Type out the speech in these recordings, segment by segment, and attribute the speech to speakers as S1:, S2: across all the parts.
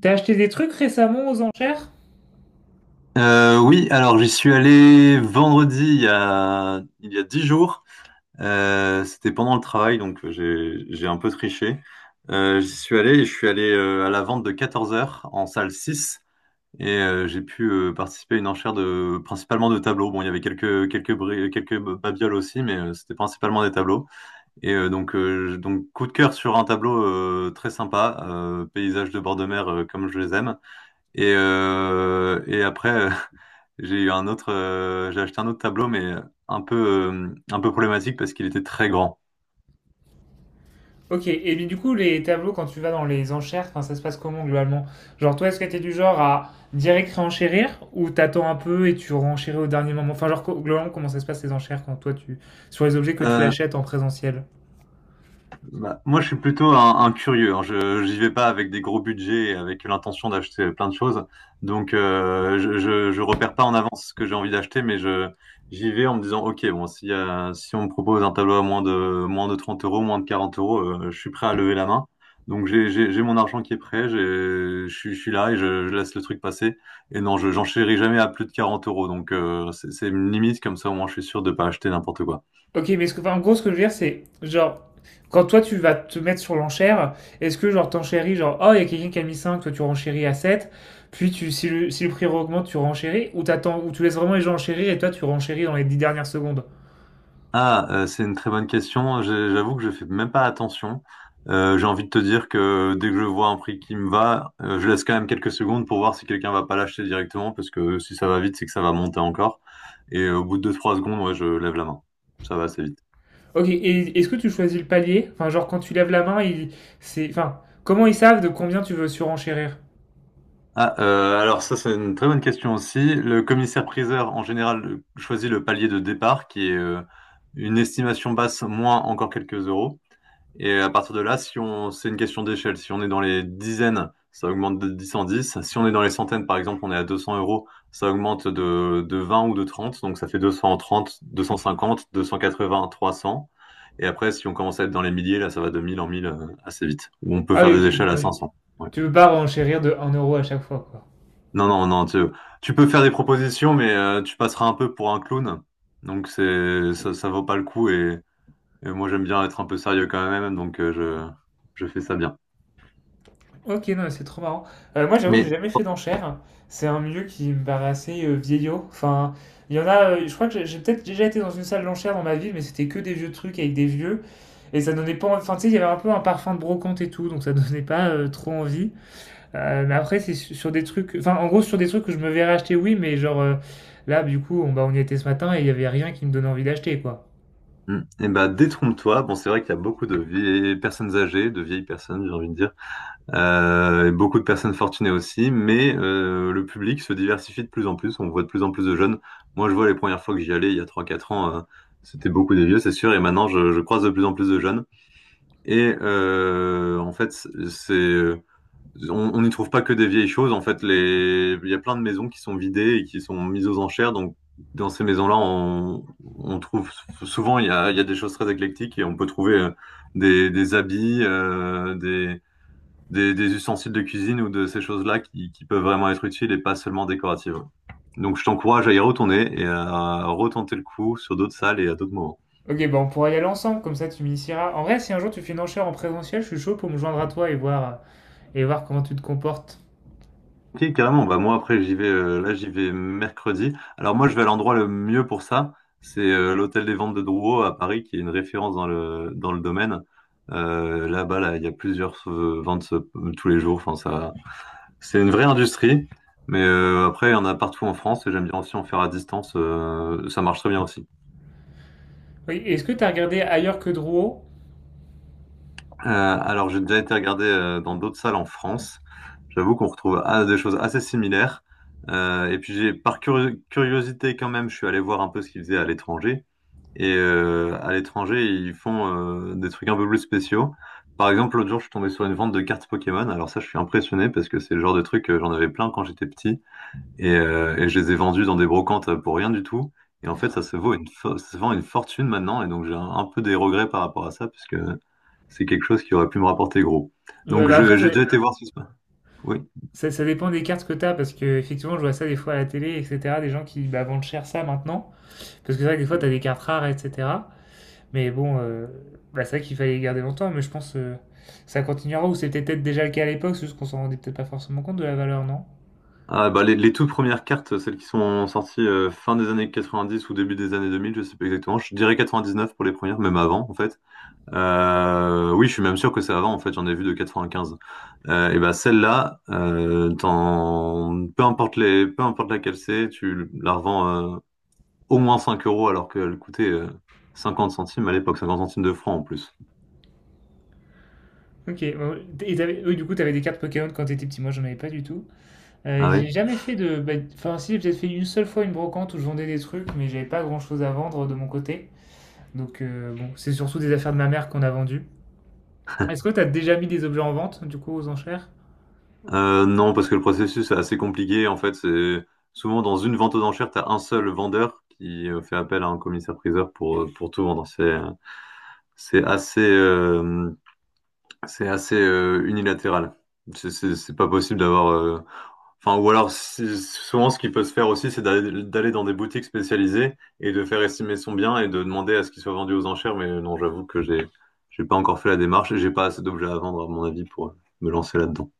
S1: T'as acheté des trucs récemment aux enchères?
S2: Oui, alors j'y suis allé vendredi il y a 10 jours. C'était pendant le travail, donc j'ai un peu triché. J'y suis allé et je suis allé à la vente de 14 heures en salle 6 et j'ai pu participer à une enchère de principalement de tableaux. Bon, il y avait quelques babioles aussi, mais c'était principalement des tableaux. Donc coup de cœur sur un tableau très sympa, paysage de bord de mer comme je les aime. Et après, j'ai acheté un autre tableau, mais un peu, un peu problématique parce qu'il était très grand.
S1: Ok, et bien du coup, les tableaux, quand tu vas dans les enchères, enfin, ça se passe comment globalement? Genre, toi, est-ce que t'es du genre à direct réenchérir ou t'attends un peu et tu renchéris au dernier moment? Enfin, genre, globalement, comment ça se passe les enchères quand toi, tu... sur les objets que tu
S2: Euh,
S1: achètes en présentiel?
S2: Bah, moi, je suis plutôt un curieux, hein. Je j'y vais pas avec des gros budgets et avec l'intention d'acheter plein de choses. Donc, je repère pas en avance ce que j'ai envie d'acheter, mais je j'y vais en me disant, ok, bon, si on me propose un tableau à moins de 30 euros, moins de 40 euros, je suis prêt à lever la main. Donc, j'ai mon argent qui est prêt. J'ai je suis là et je laisse le truc passer. Et non, je j'enchéris jamais à plus de 40 euros. Donc, c'est une limite comme ça. Au moins, je suis sûr de pas acheter n'importe quoi.
S1: Ok, mais ce que, enfin, en gros, ce que je veux dire, c'est genre, quand toi, tu vas te mettre sur l'enchère, est-ce que genre, t'enchéris, genre, oh, il y a quelqu'un qui a mis 5, toi, tu renchéris à 7, puis tu, si le, si le prix augmente, tu renchéris ou t'attends, ou tu laisses vraiment les gens enchérir et toi, tu renchéris dans les 10 dernières secondes?
S2: Ah, c'est une très bonne question. J'avoue que je fais même pas attention. J'ai envie de te dire que dès que je vois un prix qui me va, je laisse quand même quelques secondes pour voir si quelqu'un va pas l'acheter directement, parce que si ça va vite, c'est que ça va monter encore. Et au bout de deux-trois secondes, ouais, je lève la main. Ça va, c'est vite.
S1: Ok, et est-ce que tu choisis le palier? Enfin, genre quand tu lèves la main, ils, c'est, enfin, comment ils savent de combien tu veux surenchérir?
S2: Ah, alors ça, c'est une très bonne question aussi. Le commissaire-priseur, en général, choisit le palier de départ, qui est une estimation basse moins encore quelques euros. Et à partir de là, si on, c'est une question d'échelle. Si on est dans les dizaines, ça augmente de 10 en 10. Si on est dans les centaines, par exemple, on est à 200 euros, ça augmente de 20 ou de 30. Donc ça fait 230, 250, 280, 300. Et après, si on commence à être dans les milliers, là, ça va de 1000 en 1000 assez vite. Ou on peut
S1: Ah
S2: faire
S1: oui,
S2: des échelles
S1: ok,
S2: à
S1: donc
S2: 500.
S1: tu veux pas renchérir de un euro à chaque fois, quoi.
S2: Non, non, non, tu peux faire des propositions, mais tu passeras un peu pour un clown. Donc c'est ça, ça vaut pas le coup et moi j'aime bien être un peu sérieux quand même, donc je fais ça bien.
S1: Ok, non, mais c'est trop marrant. Moi, j'avoue que j'ai
S2: Mais
S1: jamais fait d'enchères. C'est un milieu qui me paraît assez vieillot. Enfin, il y en a, je crois que j'ai peut-être déjà été dans une salle d'enchères dans ma vie, mais c'était que des vieux trucs avec des vieux. Et ça donnait pas, enfin, tu sais, il y avait un peu un parfum de brocante et tout, donc ça donnait pas trop envie. Mais après, c'est sur des trucs. Enfin, en gros, sur des trucs que je me verrais acheter, oui, mais genre là, du coup, on, bah, on y était ce matin et il n'y avait rien qui me donnait envie d'acheter, quoi.
S2: et bah, détrompe-toi, bon c'est vrai qu'il y a beaucoup de vieilles personnes âgées, de vieilles personnes, j'ai envie de dire, et beaucoup de personnes fortunées aussi, mais le public se diversifie de plus en plus, on voit de plus en plus de jeunes. Moi je vois les premières fois que j'y allais il y a trois quatre ans, c'était beaucoup des vieux, c'est sûr, et maintenant je croise de plus en plus de jeunes. En fait, c'est on n'y trouve pas que des vieilles choses. En fait, les il y a plein de maisons qui sont vidées et qui sont mises aux enchères. Donc, dans ces maisons-là, on trouve souvent il y a des choses très éclectiques et on peut trouver des habits, des ustensiles de cuisine ou de ces choses-là qui peuvent vraiment être utiles et pas seulement décoratives. Donc, je t'encourage à y retourner et à retenter le coup sur d'autres salles et à d'autres moments.
S1: Ok, bah on pourra y aller ensemble, comme ça tu m'initieras. En vrai, si un jour tu fais une enchère en présentiel, je suis chaud pour me joindre à toi et voir comment tu te comportes.
S2: Ok, carrément. Bah moi après j'y vais là j'y vais mercredi. Alors moi je vais à l'endroit le mieux pour ça, c'est l'hôtel des ventes de Drouot à Paris qui est une référence dans le domaine. Là-bas là il y a plusieurs ventes tous les jours. Enfin ça c'est une vraie industrie, mais après il y en a partout en France et j'aime bien aussi en faire à distance. Ça marche très bien aussi.
S1: Oui, est-ce que t'as regardé ailleurs que Drouot?
S2: Alors, j'ai déjà été regardé dans d'autres salles en France. J'avoue qu'on retrouve, ah, des choses assez similaires. Et puis, j'ai, par curiosité quand même, je suis allé voir un peu ce qu'ils faisaient à l'étranger. À l'étranger, ils font des trucs un peu plus spéciaux. Par exemple, l'autre jour, je suis tombé sur une vente de cartes Pokémon. Alors ça, je suis impressionné parce que c'est le genre de truc que j'en avais plein quand j'étais petit. Et je les ai vendus dans des brocantes pour rien du tout. Et en fait, ça se vend une fortune maintenant. Et donc, j'ai un peu des regrets par rapport à ça, puisque c'est quelque chose qui aurait pu me rapporter gros.
S1: Ouais, bah après, ça,
S2: J'ai déjà été voir ce. Oui.
S1: ça dépend des cartes que t'as, parce que effectivement, je vois ça des fois à la télé, etc. Des gens qui bah, vendent cher ça maintenant. Parce que c'est vrai que des fois, t'as des cartes rares, etc. Mais bon, bah, c'est vrai qu'il fallait les garder longtemps, mais je pense que ça continuera ou c'était peut-être déjà le cas à l'époque, c'est juste qu'on s'en rendait peut-être pas forcément compte de la valeur, non?
S2: Ah, bah, les toutes premières cartes, celles qui sont sorties fin des années 90 ou début des années 2000, je sais pas exactement. Je dirais 99 pour les premières, même avant en fait. Oui, je suis même sûr que c'est avant en fait. J'en ai vu de 95. Et bah celle-là, peu importe peu importe laquelle c'est, tu la revends au moins 5 euros alors qu'elle coûtait 50 centimes à l'époque, 50 centimes de francs en plus.
S1: Ok, bon, et oui, du coup, t'avais des cartes Pokémon quand t'étais petit. Moi, j'en avais pas du tout.
S2: Ah oui.
S1: J'ai jamais fait de. Bah, enfin, si, j'ai peut-être fait une seule fois une brocante où je vendais des trucs, mais j'avais pas grand-chose à vendre de mon côté. Donc, bon, c'est surtout des affaires de ma mère qu'on a vendues. Est-ce que t'as déjà mis des objets en vente, du coup, aux enchères?
S2: Non, parce que le processus est assez compliqué. En fait, c'est souvent dans une vente aux enchères, tu as un seul vendeur qui fait appel à un commissaire-priseur pour tout vendre. C'est assez, euh, c'est assez unilatéral. C'est pas possible d'avoir. Enfin, ou alors, souvent, ce qui peut se faire aussi, c'est d'aller dans des boutiques spécialisées et de faire estimer son bien et de demander à ce qu'il soit vendu aux enchères. Mais non, j'avoue que j'ai pas encore fait la démarche et j'ai pas assez d'objets à vendre, à mon avis, pour me lancer là-dedans.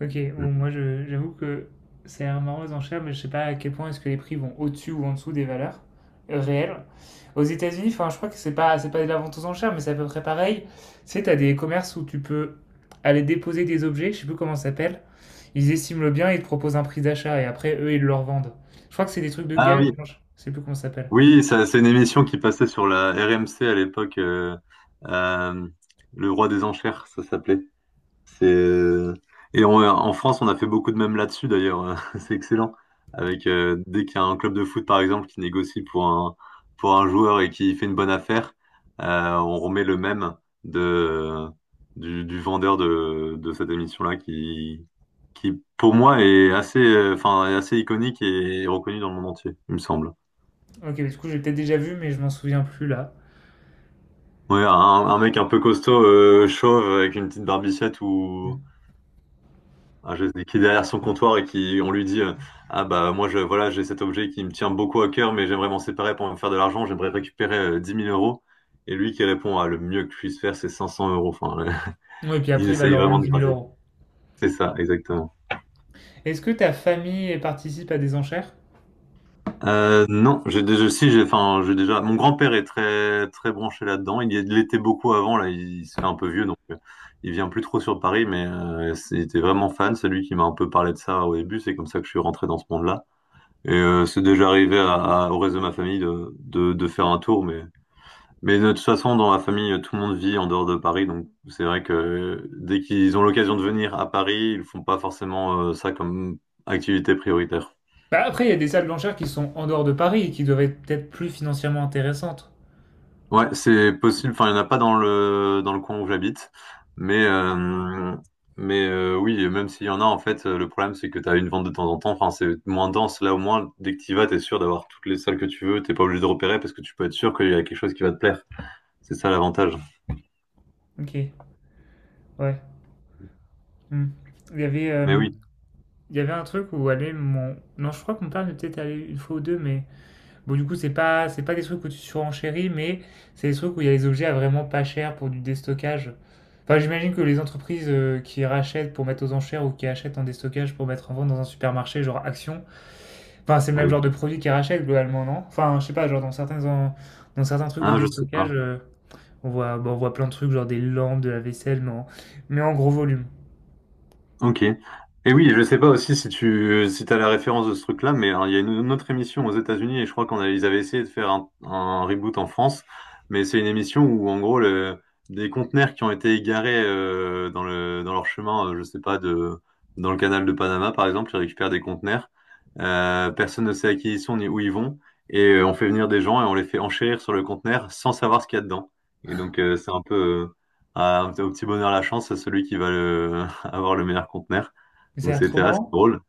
S1: Ok, bon, j'avoue que ça a l'air marrant les enchères, mais je sais pas à quel point est-ce que les prix vont au-dessus ou en dessous des valeurs réelles. Aux États-Unis, enfin, je crois que c'est pas de la vente aux enchères, mais c'est à peu près pareil. Tu sais, t'as des commerces où tu peux aller déposer des objets, je sais plus comment ça s'appelle. Ils estiment le bien, ils te proposent un prix d'achat et après eux ils le revendent. Je crois que c'est des trucs de
S2: Ah
S1: gage,
S2: oui.
S1: non, je sais plus comment ça s'appelle.
S2: Oui, ça, c'est une émission qui passait sur la RMC à l'époque, euh, Le Roi des Enchères, ça s'appelait. C'est euh, En France, on a fait beaucoup de mèmes là-dessus d'ailleurs. C'est excellent. Avec dès qu'il y a un club de foot par exemple qui négocie pour un joueur et qui fait une bonne affaire, on remet le mème de du vendeur de cette émission-là qui pour moi est assez enfin est assez iconique et reconnu dans le monde entier, il me semble.
S1: Ok, mais du coup j'ai peut-être déjà vu, mais je m'en souviens plus là.
S2: Ouais, un mec un peu costaud, chauve, avec une petite barbichette ou
S1: Mm.
S2: ah, je sais, qui est derrière son comptoir et qui on lui dit ah bah moi je voilà j'ai cet objet qui me tient beaucoup à cœur mais j'aimerais m'en séparer pour me faire de l'argent, j'aimerais récupérer 10 000 euros et lui qui répond, ah le mieux que je puisse faire c'est 500 euros. Enfin,
S1: Ouais, et puis
S2: il
S1: après il va
S2: essaye
S1: leur
S2: vraiment
S1: vendre
S2: de
S1: dix mille
S2: gratter.
S1: euros.
S2: C'est ça, exactement.
S1: Est-ce que ta famille participe à des enchères?
S2: Non, j'ai déjà, si, j'ai, enfin, j'ai déjà. Mon grand-père est très, très branché là-dedans. Il l'était beaucoup avant. Là, se fait un peu vieux, donc il vient plus trop sur Paris. Mais il était vraiment fan. C'est lui qui m'a un peu parlé de ça au début. C'est comme ça que je suis rentré dans ce monde-là. C'est déjà arrivé au reste de ma famille de faire un tour. Mais de toute façon, dans ma famille, tout le monde vit en dehors de Paris. Donc c'est vrai que dès qu'ils ont l'occasion de venir à Paris, ils font pas forcément ça comme activité prioritaire.
S1: Bah après, il y a des salles blanchères qui sont en dehors de Paris et qui doivent être peut-être plus financièrement intéressantes.
S2: Ouais, c'est possible. Enfin, il n'y en a pas dans le coin où j'habite, mais euh, oui, et même s'il y en a, en fait, le problème c'est que tu as une vente de temps en temps. Enfin, c'est moins dense. Là, au moins, dès que tu vas, t'es sûr d'avoir toutes les salles que tu veux. T'es pas obligé de repérer parce que tu peux être sûr qu'il y a quelque chose qui va te plaire. C'est ça l'avantage.
S1: Ok, ouais. Hmm. Il y avait,
S2: Mais
S1: euh,
S2: oui,
S1: il y avait un truc où aller mon... Non, je crois que mon père est peut-être allé une fois ou deux, mais... Bon, du coup, c'est pas des trucs où tu surenchéris, mais c'est des trucs où il y a des objets à vraiment pas cher pour du déstockage. Enfin, j'imagine que les entreprises qui rachètent pour mettre aux enchères ou qui achètent en déstockage pour mettre en vente dans un supermarché, genre Action, enfin, c'est le
S2: ah
S1: même
S2: oui.
S1: genre de produit qu'ils rachètent globalement, non? Enfin, je sais pas, genre dans certains, dans certains trucs de
S2: Ah, je sais
S1: déstockage...
S2: pas.
S1: On voit, bon, on voit plein de trucs, genre des lampes, de la vaisselle, mais en gros volume.
S2: Ok. Et oui, je sais pas aussi si t'as la référence de ce truc-là, mais hein, il y a une autre émission aux États-Unis et je crois ils avaient essayé de faire un reboot en France, mais c'est une émission où en gros des conteneurs qui ont été égarés dans leur chemin, je sais pas de dans le canal de Panama par exemple, ils récupèrent des conteneurs, personne ne sait à qui ils sont ni où ils vont et on fait venir des gens et on les fait enchérir sur le conteneur sans savoir ce qu'il y a dedans. Et donc c'est un peu au petit bonheur la chance, c'est celui qui va le avoir le meilleur conteneur.
S1: Ça a
S2: Donc
S1: l'air trop
S2: c'était assez
S1: marrant.
S2: drôle.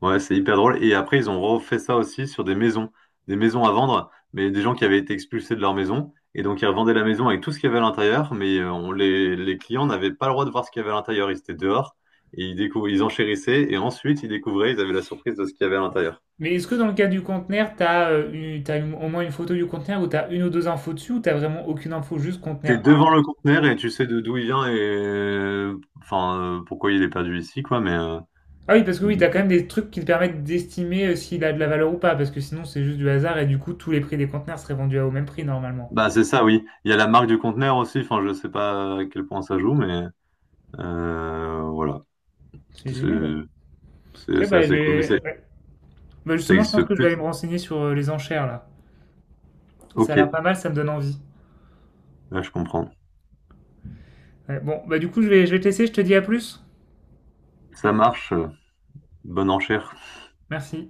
S2: Ouais, c'est hyper drôle. Et après, ils ont refait ça aussi sur des maisons à vendre, mais des gens qui avaient été expulsés de leur maison. Et donc, ils revendaient la maison avec tout ce qu'il y avait à l'intérieur, mais les clients n'avaient pas le droit de voir ce qu'il y avait à l'intérieur. Ils étaient dehors et ils enchérissaient. Et ensuite, ils découvraient, ils avaient la surprise de ce qu'il y avait à l'intérieur.
S1: Mais est-ce que dans le cas du conteneur, t'as t'as au moins une photo du conteneur ou t'as une ou deux infos dessus ou t'as vraiment aucune info, juste
S2: T'es
S1: conteneur 1,
S2: devant
S1: 2,
S2: le conteneur et tu sais de d'où il vient et enfin pourquoi il est perdu ici, quoi. Mais
S1: Ah oui, parce que oui, t'as quand même des trucs qui te permettent d'estimer s'il a de la valeur ou pas, parce que sinon c'est juste du hasard et du coup tous les prix des conteneurs seraient vendus au même prix normalement.
S2: bah c'est ça, oui, il y a la marque du conteneur aussi, enfin je sais pas à quel point ça joue. Mais voilà,
S1: C'est
S2: c'est
S1: génial. Tu
S2: c'est-
S1: vois,
S2: c'est
S1: bah,
S2: assez cool, mais
S1: ouais. Bah,
S2: ça
S1: justement, je
S2: existe
S1: pense que je vais aller
S2: plus.
S1: me renseigner sur les enchères là. Ça a
S2: Ok,
S1: l'air pas mal, ça me donne envie.
S2: là je comprends.
S1: Ouais, bon, bah du coup, je vais te laisser, je te dis à plus.
S2: Ça marche, bonne enchère.
S1: Merci.